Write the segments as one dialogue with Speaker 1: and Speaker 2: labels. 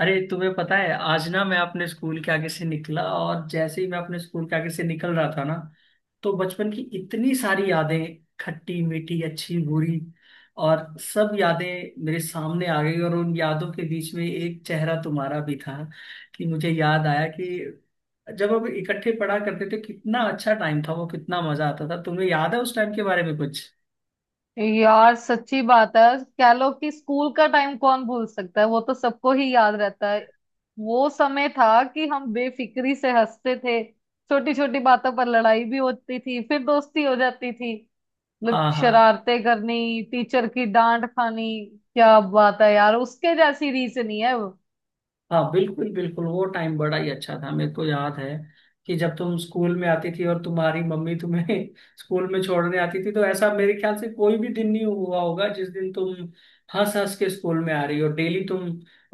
Speaker 1: अरे तुम्हें पता है, आज ना मैं अपने स्कूल के आगे से निकला। और जैसे ही मैं अपने स्कूल के आगे से निकल रहा था ना, तो बचपन की इतनी सारी यादें, खट्टी मीठी अच्छी बुरी, और सब यादें मेरे सामने आ गई। और उन यादों के बीच में एक चेहरा तुम्हारा भी था। कि मुझे याद आया कि जब हम इकट्ठे पढ़ा करते थे, कितना अच्छा टाइम था वो, कितना मजा आता था। तुम्हें याद है उस टाइम के बारे में कुछ?
Speaker 2: यार सच्ची बात है। कह लो कि स्कूल का टाइम कौन भूल सकता है, वो तो सबको ही याद रहता है। वो समय था कि हम बेफिक्री से हंसते थे, छोटी छोटी बातों पर लड़ाई भी होती थी, फिर दोस्ती हो जाती थी। मतलब
Speaker 1: हाँ हाँ।
Speaker 2: शरारतें करनी, टीचर की डांट खानी, क्या बात है यार, उसके जैसी रीस नहीं है वो।
Speaker 1: हाँ बिल्कुल बिल्कुल, वो टाइम बड़ा ही अच्छा था। मेरे को याद है कि जब तुम स्कूल में आती थी और तुम्हारी मम्मी तुम्हें स्कूल में छोड़ने आती थी, तो ऐसा मेरे ख्याल से कोई भी दिन नहीं हुआ होगा जिस दिन तुम हंस हंस के स्कूल में आ रही हो। डेली तुम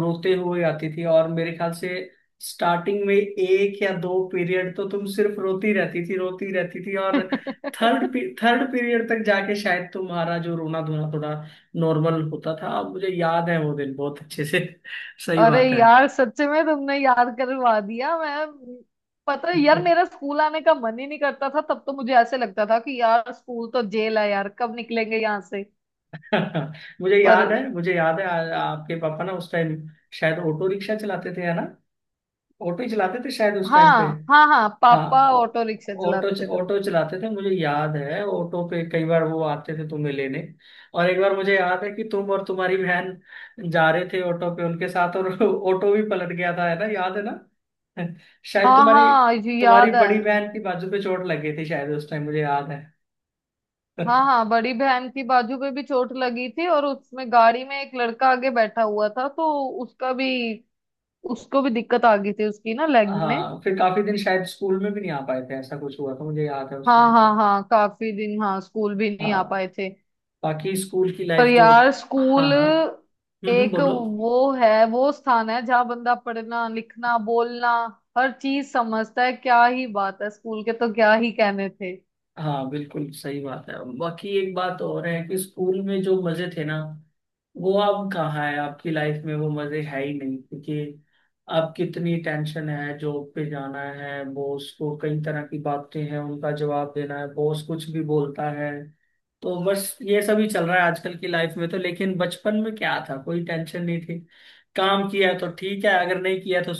Speaker 1: रोते हुए आती थी, और मेरे ख्याल से स्टार्टिंग में एक या दो पीरियड तो तुम सिर्फ रोती रहती थी रोती रहती थी। और थर्ड थर्ड पीरियड तक जाके शायद तुम्हारा जो रोना धोना थोड़ा नॉर्मल होता था। अब मुझे याद है वो दिन बहुत अच्छे से। सही
Speaker 2: अरे
Speaker 1: बात है।
Speaker 2: यार, सच में तुमने याद करवा दिया। मैं, पता है यार, मेरा स्कूल आने का मन ही नहीं करता था तब। तो मुझे ऐसे लगता था कि यार स्कूल तो जेल है यार, कब निकलेंगे यहाँ से।
Speaker 1: मुझे
Speaker 2: पर
Speaker 1: याद है मुझे याद है, आपके पापा ना उस टाइम शायद ऑटो रिक्शा चलाते थे, है ना? ऑटो ही चलाते थे शायद उस टाइम पे।
Speaker 2: हाँ, हाँ हाँ,
Speaker 1: हाँ,
Speaker 2: पापा ऑटो रिक्शा
Speaker 1: ऑटो
Speaker 2: चलाते थे तब।
Speaker 1: ऑटो चलाते थे, मुझे याद है। ऑटो पे कई बार वो आते थे तुम्हें लेने। और एक बार मुझे याद है कि तुम और तुम्हारी बहन जा रहे थे ऑटो पे उनके साथ, और ऑटो भी पलट गया था, है ना, याद है ना? शायद
Speaker 2: हाँ
Speaker 1: तुम्हारी
Speaker 2: हाँ, ये
Speaker 1: तुम्हारी
Speaker 2: याद है।
Speaker 1: बड़ी बहन की बाजू पे चोट लगी थी शायद उस टाइम, मुझे याद है।
Speaker 2: हाँ हाँ, बड़ी बहन की बाजू पे भी चोट लगी थी, और उसमें गाड़ी में एक लड़का आगे बैठा हुआ था तो उसका भी उसको भी दिक्कत आ गई थी, उसकी ना लेग में।
Speaker 1: हाँ, फिर काफी दिन शायद स्कूल में भी नहीं आ पाए थे, ऐसा कुछ हुआ था, मुझे याद है उस
Speaker 2: हाँ
Speaker 1: टाइम
Speaker 2: हाँ
Speaker 1: पे।
Speaker 2: हाँ, काफी दिन हाँ स्कूल भी नहीं आ
Speaker 1: हाँ।
Speaker 2: पाए थे।
Speaker 1: बाकी स्कूल की
Speaker 2: पर
Speaker 1: लाइफ जो...
Speaker 2: यार,
Speaker 1: हाँ
Speaker 2: स्कूल
Speaker 1: हाँ।
Speaker 2: एक
Speaker 1: बोलो।
Speaker 2: वो है, वो स्थान है जहाँ बंदा पढ़ना, लिखना, बोलना, हर चीज समझता है। क्या ही बात है, स्कूल के तो क्या ही कहने थे।
Speaker 1: हाँ बिल्कुल सही बात है। बाकी एक बात और है कि स्कूल में जो मजे थे ना, वो अब कहाँ है? आपकी लाइफ में वो मजे है ही नहीं, क्योंकि अब कितनी टेंशन है। जॉब पे जाना है, बॉस को कई तरह की बातें हैं उनका जवाब देना है, बॉस कुछ भी बोलता है, तो बस ये सब ही चल रहा है आजकल की लाइफ में। तो लेकिन बचपन में क्या था, कोई टेंशन नहीं थी। काम किया तो ठीक है, अगर नहीं किया तो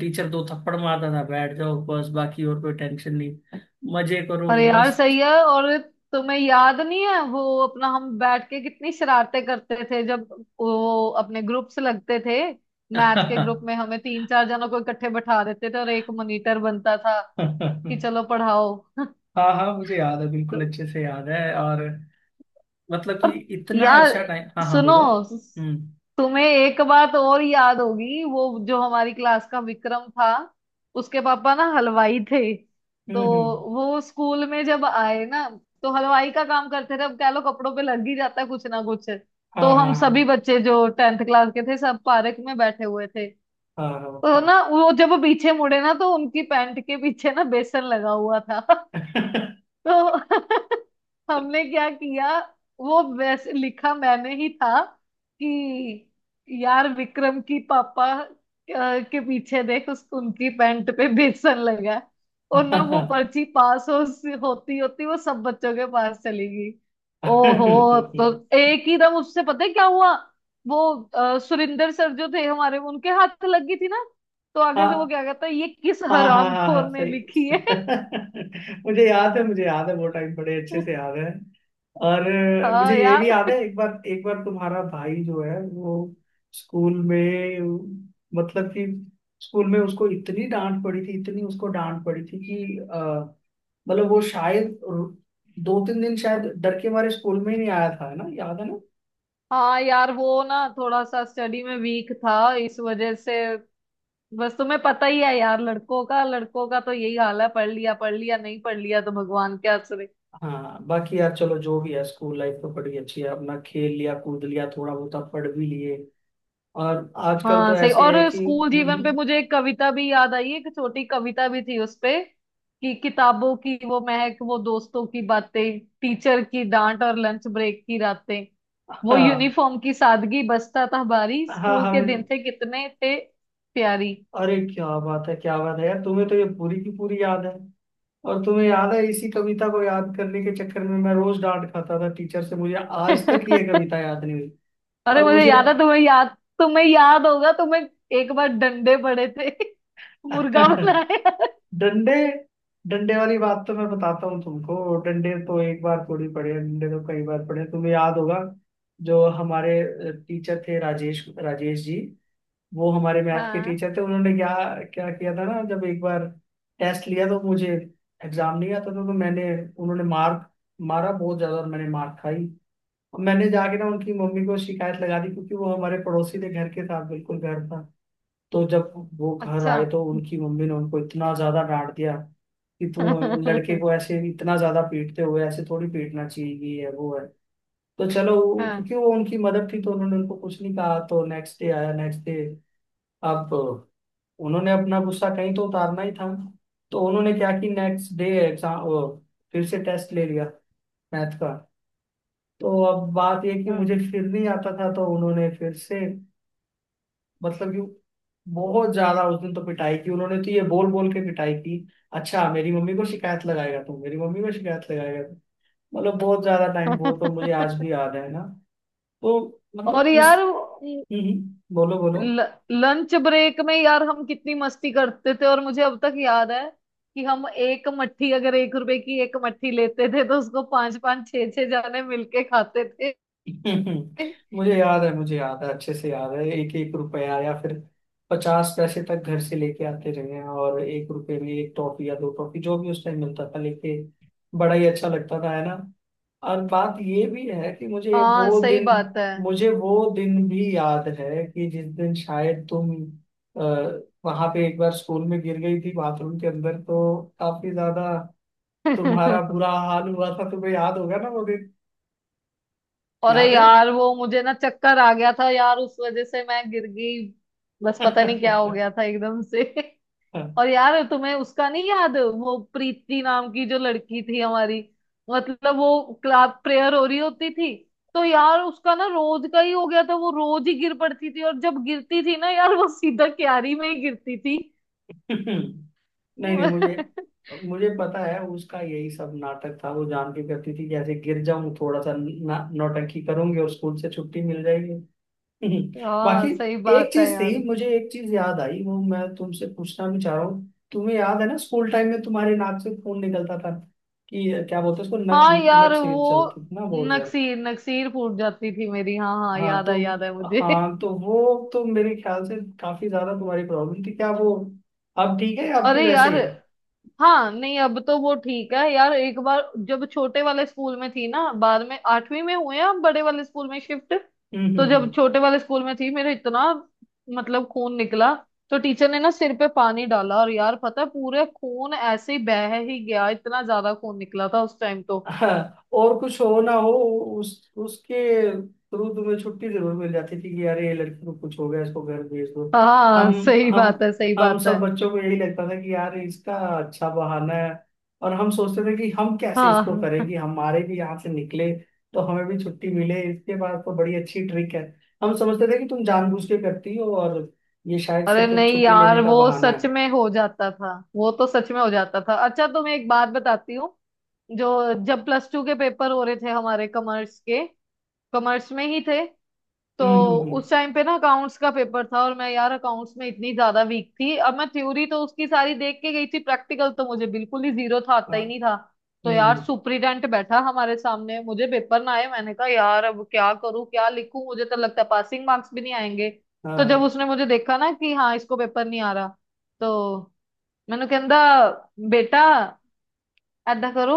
Speaker 1: टीचर दो थप्पड़ मारता था, बैठ जाओ बस, बाकी और कोई टेंशन नहीं। मजे करो,
Speaker 2: पर यार
Speaker 1: मस्त।
Speaker 2: सही है। और तुम्हें याद नहीं है वो, अपना हम बैठ के कितनी शरारतें करते थे, जब वो अपने ग्रुप्स लगते थे। मैथ के ग्रुप में हमें तीन चार जनों को इकट्ठे बैठा देते थे और एक मॉनिटर बनता था कि चलो पढ़ाओ।
Speaker 1: हाँ हाँ, मुझे याद है, बिल्कुल अच्छे से याद है। और मतलब कि
Speaker 2: और
Speaker 1: इतना
Speaker 2: यार
Speaker 1: अच्छा टाइम। हाँ हाँ
Speaker 2: सुनो,
Speaker 1: बोलो। हम्म
Speaker 2: तुम्हें एक बात और याद होगी, वो जो हमारी क्लास का विक्रम था, उसके पापा ना हलवाई थे। तो
Speaker 1: हम्म।
Speaker 2: वो स्कूल में जब आए ना, तो हलवाई का काम करते थे, अब कह लो कपड़ों पे लग ही जाता है कुछ ना कुछ।
Speaker 1: हाँ
Speaker 2: तो
Speaker 1: हाँ
Speaker 2: हम सभी बच्चे जो टेंथ क्लास के थे, सब पार्क में बैठे हुए थे।
Speaker 1: हाँ हाँ
Speaker 2: तो
Speaker 1: हाँ
Speaker 2: ना वो जब पीछे मुड़े ना तो उनकी पैंट के पीछे ना बेसन लगा हुआ था। तो हमने क्या किया, वो वैसे लिखा मैंने ही था कि यार विक्रम की पापा के पीछे देख, उस उनकी पैंट पे बेसन लगा है। और ना वो
Speaker 1: हाँ।
Speaker 2: पर्ची पास हो होती होती वो सब बच्चों के पास चली गई।
Speaker 1: हाँ
Speaker 2: ओहो, तो
Speaker 1: हाँ
Speaker 2: एक ही दम उससे पता है क्या हुआ, वो सुरिंदर सर जो थे हमारे, उनके हाथ लग गई थी ना। तो आगे से वो
Speaker 1: हाँ,
Speaker 2: क्या कहता है, ये किस
Speaker 1: हाँ हाँ हाँ हाँ
Speaker 2: हरामखोर ने
Speaker 1: सही।
Speaker 2: लिखी है।
Speaker 1: मुझे याद है मुझे याद है, वो टाइम बड़े अच्छे से याद है। और मुझे
Speaker 2: हाँ
Speaker 1: ये भी
Speaker 2: यार।
Speaker 1: याद है, एक बार तुम्हारा भाई जो है वो स्कूल में, मतलब कि स्कूल में उसको इतनी डांट पड़ी थी, इतनी उसको डांट पड़ी थी कि मतलब वो शायद दो तीन दिन शायद डर के मारे स्कूल में ही नहीं आया था, है ना, याद है ना?
Speaker 2: हाँ यार, वो ना थोड़ा सा स्टडी में वीक था, इस वजह से। बस तुम्हें पता ही है यार, लड़कों का तो यही हाल है, पढ़ लिया पढ़ लिया, नहीं पढ़ लिया तो भगवान के आसरे।
Speaker 1: हाँ बाकी यार चलो जो भी है, स्कूल लाइफ तो बड़ी अच्छी है। अपना खेल लिया, कूद लिया, थोड़ा बहुत पढ़ भी लिए। और आजकल
Speaker 2: हाँ
Speaker 1: तो
Speaker 2: सही।
Speaker 1: ऐसे
Speaker 2: और
Speaker 1: है कि...
Speaker 2: स्कूल जीवन पे
Speaker 1: हम्म,
Speaker 2: मुझे एक कविता भी याद आई, एक छोटी कविता भी थी उस पे। कि किताबों की वो महक, वो दोस्तों की बातें, टीचर की डांट और लंच ब्रेक की रातें, वो
Speaker 1: हाँ
Speaker 2: यूनिफॉर्म की सादगी, बस्ता था भारी,
Speaker 1: हाँ
Speaker 2: स्कूल के
Speaker 1: हम।
Speaker 2: दिन थे कितने थे प्यारी।
Speaker 1: अरे क्या बात है, क्या बात है यार, तुम्हें तो ये पूरी की पूरी याद है। और तुम्हें याद है, इसी कविता को याद करने के चक्कर में मैं रोज डांट खाता था टीचर से, मुझे आज तक ये कविता याद नहीं हुई।
Speaker 2: अरे
Speaker 1: और
Speaker 2: मुझे
Speaker 1: मुझे...
Speaker 2: याद है, तुम्हें याद, तुम्हें याद होगा, तुम्हें एक बार डंडे पड़े थे। मुर्गा बनाया।
Speaker 1: डंडे डंडे वाली बात तो मैं बताता हूँ तुमको। डंडे तो एक बार थोड़ी पढ़े, डंडे तो कई बार पढ़े, तुम्हें याद होगा। जो हमारे टीचर थे राजेश, राजेश जी, वो हमारे मैथ के
Speaker 2: हाँ।
Speaker 1: टीचर थे। उन्होंने क्या क्या किया था ना, जब एक बार टेस्ट लिया तो मुझे एग्जाम नहीं आता था, तो मैंने उन्होंने मारा बहुत ज्यादा, और मैंने मार खाई। और मैंने जाके ना उनकी मम्मी को शिकायत लगा दी, क्योंकि वो हमारे पड़ोसी थे, घर के साथ बिल्कुल घर था। तो जब वो घर
Speaker 2: अच्छा।
Speaker 1: आए तो उनकी मम्मी ने उनको इतना ज्यादा डांट दिया कि तुम लड़के
Speaker 2: हाँ
Speaker 1: को ऐसे इतना ज्यादा पीटते हो, ऐसे थोड़ी पीटना चाहिए, ये है वो है। तो चलो क्योंकि वो उनकी मदर थी तो उन्होंने उनको कुछ नहीं कहा। तो नेक्स्ट डे आया, नेक्स्ट डे अब उन्होंने अपना गुस्सा कहीं तो उतारना ही था, तो उन्होंने क्या कि नेक्स्ट डे एग्जाम फिर से टेस्ट ले लिया मैथ का। तो अब बात ये कि मुझे
Speaker 2: हाँ।
Speaker 1: फिर नहीं आता था, तो उन्होंने फिर से, मतलब कि बहुत ज्यादा उस दिन तो पिटाई की उन्होंने। तो ये बोल बोल के पिटाई की, अच्छा मेरी मम्मी को शिकायत लगाएगा तू, मेरी मम्मी को शिकायत लगाएगा तू। मतलब बहुत ज्यादा टाइम, वो तो मुझे आज भी याद है ना। तो मतलब
Speaker 2: और
Speaker 1: इस...
Speaker 2: यार
Speaker 1: बोलो बोलो।
Speaker 2: लंच ब्रेक में यार हम कितनी मस्ती करते थे, और मुझे अब तक याद है कि हम एक मट्ठी, अगर एक रुपए की एक मट्ठी लेते थे, तो उसको पांच पांच छह छह जाने मिलके खाते थे।
Speaker 1: मुझे याद है मुझे याद है, अच्छे से याद है। एक एक रुपया या फिर पचास पैसे तक घर से लेके आते रहे हैं, और एक रुपए में एक टॉफी या दो टॉफी, जो भी उस टाइम मिलता था लेके, बड़ा ही अच्छा लगता था, है ना? और बात ये भी है कि
Speaker 2: हाँ सही बात है।
Speaker 1: मुझे वो दिन भी याद है कि जिस दिन शायद तुम अ, वहां पे एक बार स्कूल में गिर गई थी बाथरूम के अंदर, तो काफी ज्यादा तुम्हारा बुरा हाल हुआ था, तुम्हें याद होगा ना वो दिन,
Speaker 2: अरे
Speaker 1: याद है?
Speaker 2: यार वो मुझे ना चक्कर आ गया था यार, उस वजह से मैं गिर गई। बस पता नहीं क्या हो गया था एकदम से। और यार तुम्हें उसका नहीं याद, वो प्रीति नाम की जो लड़की थी हमारी, मतलब वो क्लास प्रेयर हो रही होती थी, तो यार उसका ना रोज का ही हो गया था, वो रोज ही गिर पड़ती थी और जब गिरती थी ना यार, वो सीधा क्यारी में ही गिरती थी।
Speaker 1: नहीं नहीं, मुझे मुझे पता है, उसका यही सब नाटक था। वो जान के करती थी कि ऐसे गिर जाऊं, थोड़ा सा ना नौटंकी करूंगी और स्कूल से छुट्टी मिल जाएगी। बाकी
Speaker 2: हाँ सही
Speaker 1: एक
Speaker 2: बात है
Speaker 1: चीज थी,
Speaker 2: यार।
Speaker 1: मुझे एक चीज याद आई, वो मैं तुमसे पूछना भी चाह रहा हूँ। तुम्हें याद है ना स्कूल टाइम में तुम्हारे नाक से खून निकलता था? कि क्या बोलते हैं उसको, नक,
Speaker 2: हाँ यार
Speaker 1: नक से
Speaker 2: वो
Speaker 1: चलती थी ना बहुत ज्यादा।
Speaker 2: नक्सीर, नक्सीर फूट जाती थी मेरी। हाँ हाँ
Speaker 1: हाँ
Speaker 2: याद
Speaker 1: तो,
Speaker 2: है, याद है मुझे।
Speaker 1: हाँ तो वो तो मेरे ख्याल से काफी ज्यादा तुम्हारी प्रॉब्लम थी, क्या वो अब ठीक है, अब भी
Speaker 2: अरे
Speaker 1: वैसे
Speaker 2: यार।
Speaker 1: ही है?
Speaker 2: हाँ नहीं, अब तो वो ठीक है यार। एक बार जब छोटे वाले स्कूल में थी ना, बाद में आठवीं में हुए हम बड़े वाले स्कूल में शिफ्ट, तो जब
Speaker 1: हम्म।
Speaker 2: छोटे वाले स्कूल में थी, मेरे इतना मतलब खून निकला, तो टीचर ने ना सिर पे पानी डाला, और यार पता है पूरे खून ऐसे ही बह ही गया, इतना ज्यादा खून निकला था उस टाइम तो।
Speaker 1: हाँ, और कुछ हो ना हो, उस उसके थ्रू तुम्हें छुट्टी जरूर मिल जाती थी कि यार ये लड़की को कुछ हो गया, इसको घर भेज दो।
Speaker 2: हाँ
Speaker 1: हम
Speaker 2: सही
Speaker 1: हम
Speaker 2: बात है, सही
Speaker 1: हम
Speaker 2: बात है।
Speaker 1: सब बच्चों को यही लगता था कि यार इसका अच्छा बहाना है, और हम सोचते थे कि हम कैसे इसको
Speaker 2: हाँ।
Speaker 1: करें कि हमारे भी यहाँ से निकले, तो हमें भी छुट्टी मिले। इसके बाद तो बड़ी अच्छी ट्रिक है, हम समझते थे कि तुम जानबूझ के करती हो, और ये शायद
Speaker 2: अरे
Speaker 1: सिर्फ एक
Speaker 2: नहीं
Speaker 1: छुट्टी
Speaker 2: यार,
Speaker 1: लेने का
Speaker 2: वो
Speaker 1: बहाना है।
Speaker 2: सच में हो जाता था, वो तो सच में हो जाता था। अच्छा तो मैं एक बात बताती हूँ, जो जब प्लस टू के पेपर हो रहे थे हमारे, कॉमर्स के, कॉमर्स में ही थे तो।
Speaker 1: हम्म।
Speaker 2: उस टाइम पे ना अकाउंट्स का पेपर था, और मैं यार अकाउंट्स में इतनी ज्यादा वीक थी। अब मैं थ्योरी तो उसकी सारी देख के गई थी, प्रैक्टिकल तो मुझे बिल्कुल ही जीरो था, आता
Speaker 1: हाँ,
Speaker 2: ही नहीं था। तो
Speaker 1: हम्म
Speaker 2: यार
Speaker 1: हम्म,
Speaker 2: सुपरिटेंडेंट बैठा हमारे सामने, मुझे पेपर ना आए, मैंने कहा यार अब क्या करूं, क्या लिखूं, मुझे तो लगता है पासिंग मार्क्स भी नहीं आएंगे। तो जब
Speaker 1: हाँ
Speaker 2: उसने मुझे देखा ना कि हाँ इसको पेपर नहीं आ रहा, तो मैंने कहंदा, बेटा ऐदा करो,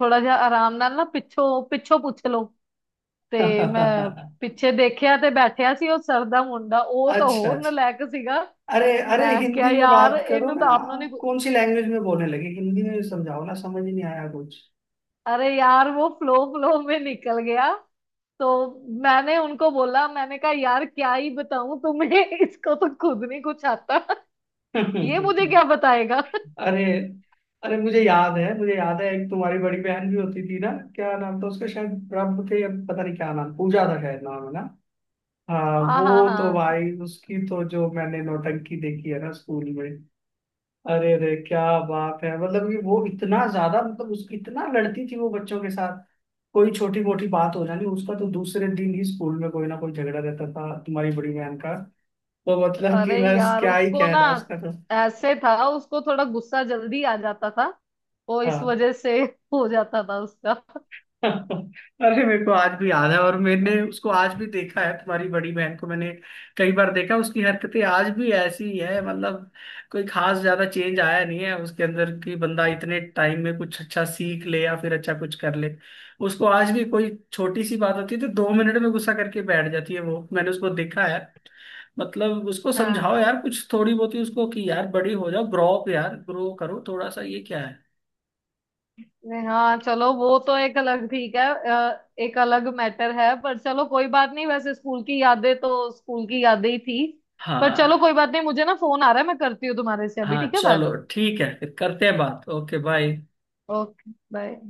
Speaker 2: थोड़ा जा आराम नाल ना पिछो पिछो पूछ लो। ਤੇ ਮੈਂ
Speaker 1: हाँ।
Speaker 2: ਪਿੱਛੇ ਦੇਖਿਆ ਤੇ ਬੈਠਿਆ ਸੀ ਉਹ ਸਰ ਦਾ ਮੁੰਡਾ, ਉਹ ਤਾਂ
Speaker 1: अच्छा
Speaker 2: ਹੋਰ
Speaker 1: अच्छा।
Speaker 2: ਨਾਲਾਇਕ ਸੀਗਾ।
Speaker 1: अरे अरे,
Speaker 2: ਮੈਂ ਕਿਹਾ
Speaker 1: हिंदी में
Speaker 2: ਯਾਰ
Speaker 1: बात करो
Speaker 2: ਇਹਨੂੰ
Speaker 1: ना,
Speaker 2: ਤਾਂ ਆਪ ਨੂੰ नहीं
Speaker 1: आप
Speaker 2: पू-
Speaker 1: कौन सी लैंग्वेज में बोलने लगे? हिंदी में समझाओ ना, समझ ही नहीं आया कुछ।
Speaker 2: अरे यार वो फ्लो फ्लो में निकल गया। तो मैंने उनको बोला, मैंने कहा यार क्या ही बताऊं तुम्हें, इसको तो खुद नहीं कुछ आता, ये मुझे क्या बताएगा।
Speaker 1: अरे अरे, मुझे याद है मुझे याद है, एक तुम्हारी बड़ी बहन भी होती थी ना? क्या नाम था उसका, शायद रब थे या पता नहीं क्या नाम, पूजा था शायद नाम, है ना? हाँ
Speaker 2: हाँ हाँ
Speaker 1: वो तो
Speaker 2: हाँ।
Speaker 1: भाई, उसकी तो जो मैंने नौटंकी देखी है ना स्कूल में, अरे अरे क्या बात है। मतलब कि वो इतना ज्यादा, मतलब उसकी इतना लड़ती थी वो बच्चों के साथ, कोई छोटी मोटी बात हो जानी उसका, तो दूसरे दिन ही स्कूल में कोई ना कोई झगड़ा रहता था तुम्हारी बड़ी बहन का। तो मतलब कि
Speaker 2: अरे
Speaker 1: बस
Speaker 2: यार
Speaker 1: क्या ही
Speaker 2: उसको ना
Speaker 1: कहना उसका तो।
Speaker 2: ऐसे था, उसको थोड़ा गुस्सा जल्दी आ जाता था, वो इस
Speaker 1: हाँ।
Speaker 2: वजह से हो जाता था उसका।
Speaker 1: अरे मेरे को आज भी याद है, और मैंने उसको आज भी देखा है तुम्हारी बड़ी बहन को, मैंने कई बार देखा। उसकी हरकतें आज भी ऐसी ही है, मतलब कोई खास ज्यादा चेंज आया नहीं है उसके अंदर, कि बंदा इतने टाइम में कुछ अच्छा सीख ले या फिर अच्छा कुछ कर ले। उसको आज भी कोई छोटी सी बात होती है तो दो मिनट में गुस्सा करके बैठ जाती है, वो मैंने उसको देखा है। मतलब उसको
Speaker 2: हाँ।
Speaker 1: समझाओ यार कुछ थोड़ी बहुत ही उसको, कि यार बड़ी हो जाओ, ग्रो अप यार, ग्रो करो थोड़ा सा, ये क्या है?
Speaker 2: नहीं, हाँ चलो वो तो एक अलग ठीक है, एक अलग मैटर है। पर चलो कोई बात नहीं, वैसे स्कूल की यादें तो स्कूल की यादें ही थी। पर
Speaker 1: हाँ,
Speaker 2: चलो कोई बात नहीं, मुझे ना फोन आ रहा है, मैं करती हूँ तुम्हारे से अभी,
Speaker 1: हाँ
Speaker 2: ठीक है बात।
Speaker 1: चलो ठीक है, फिर करते हैं बात। Okay, bye.
Speaker 2: Okay bye.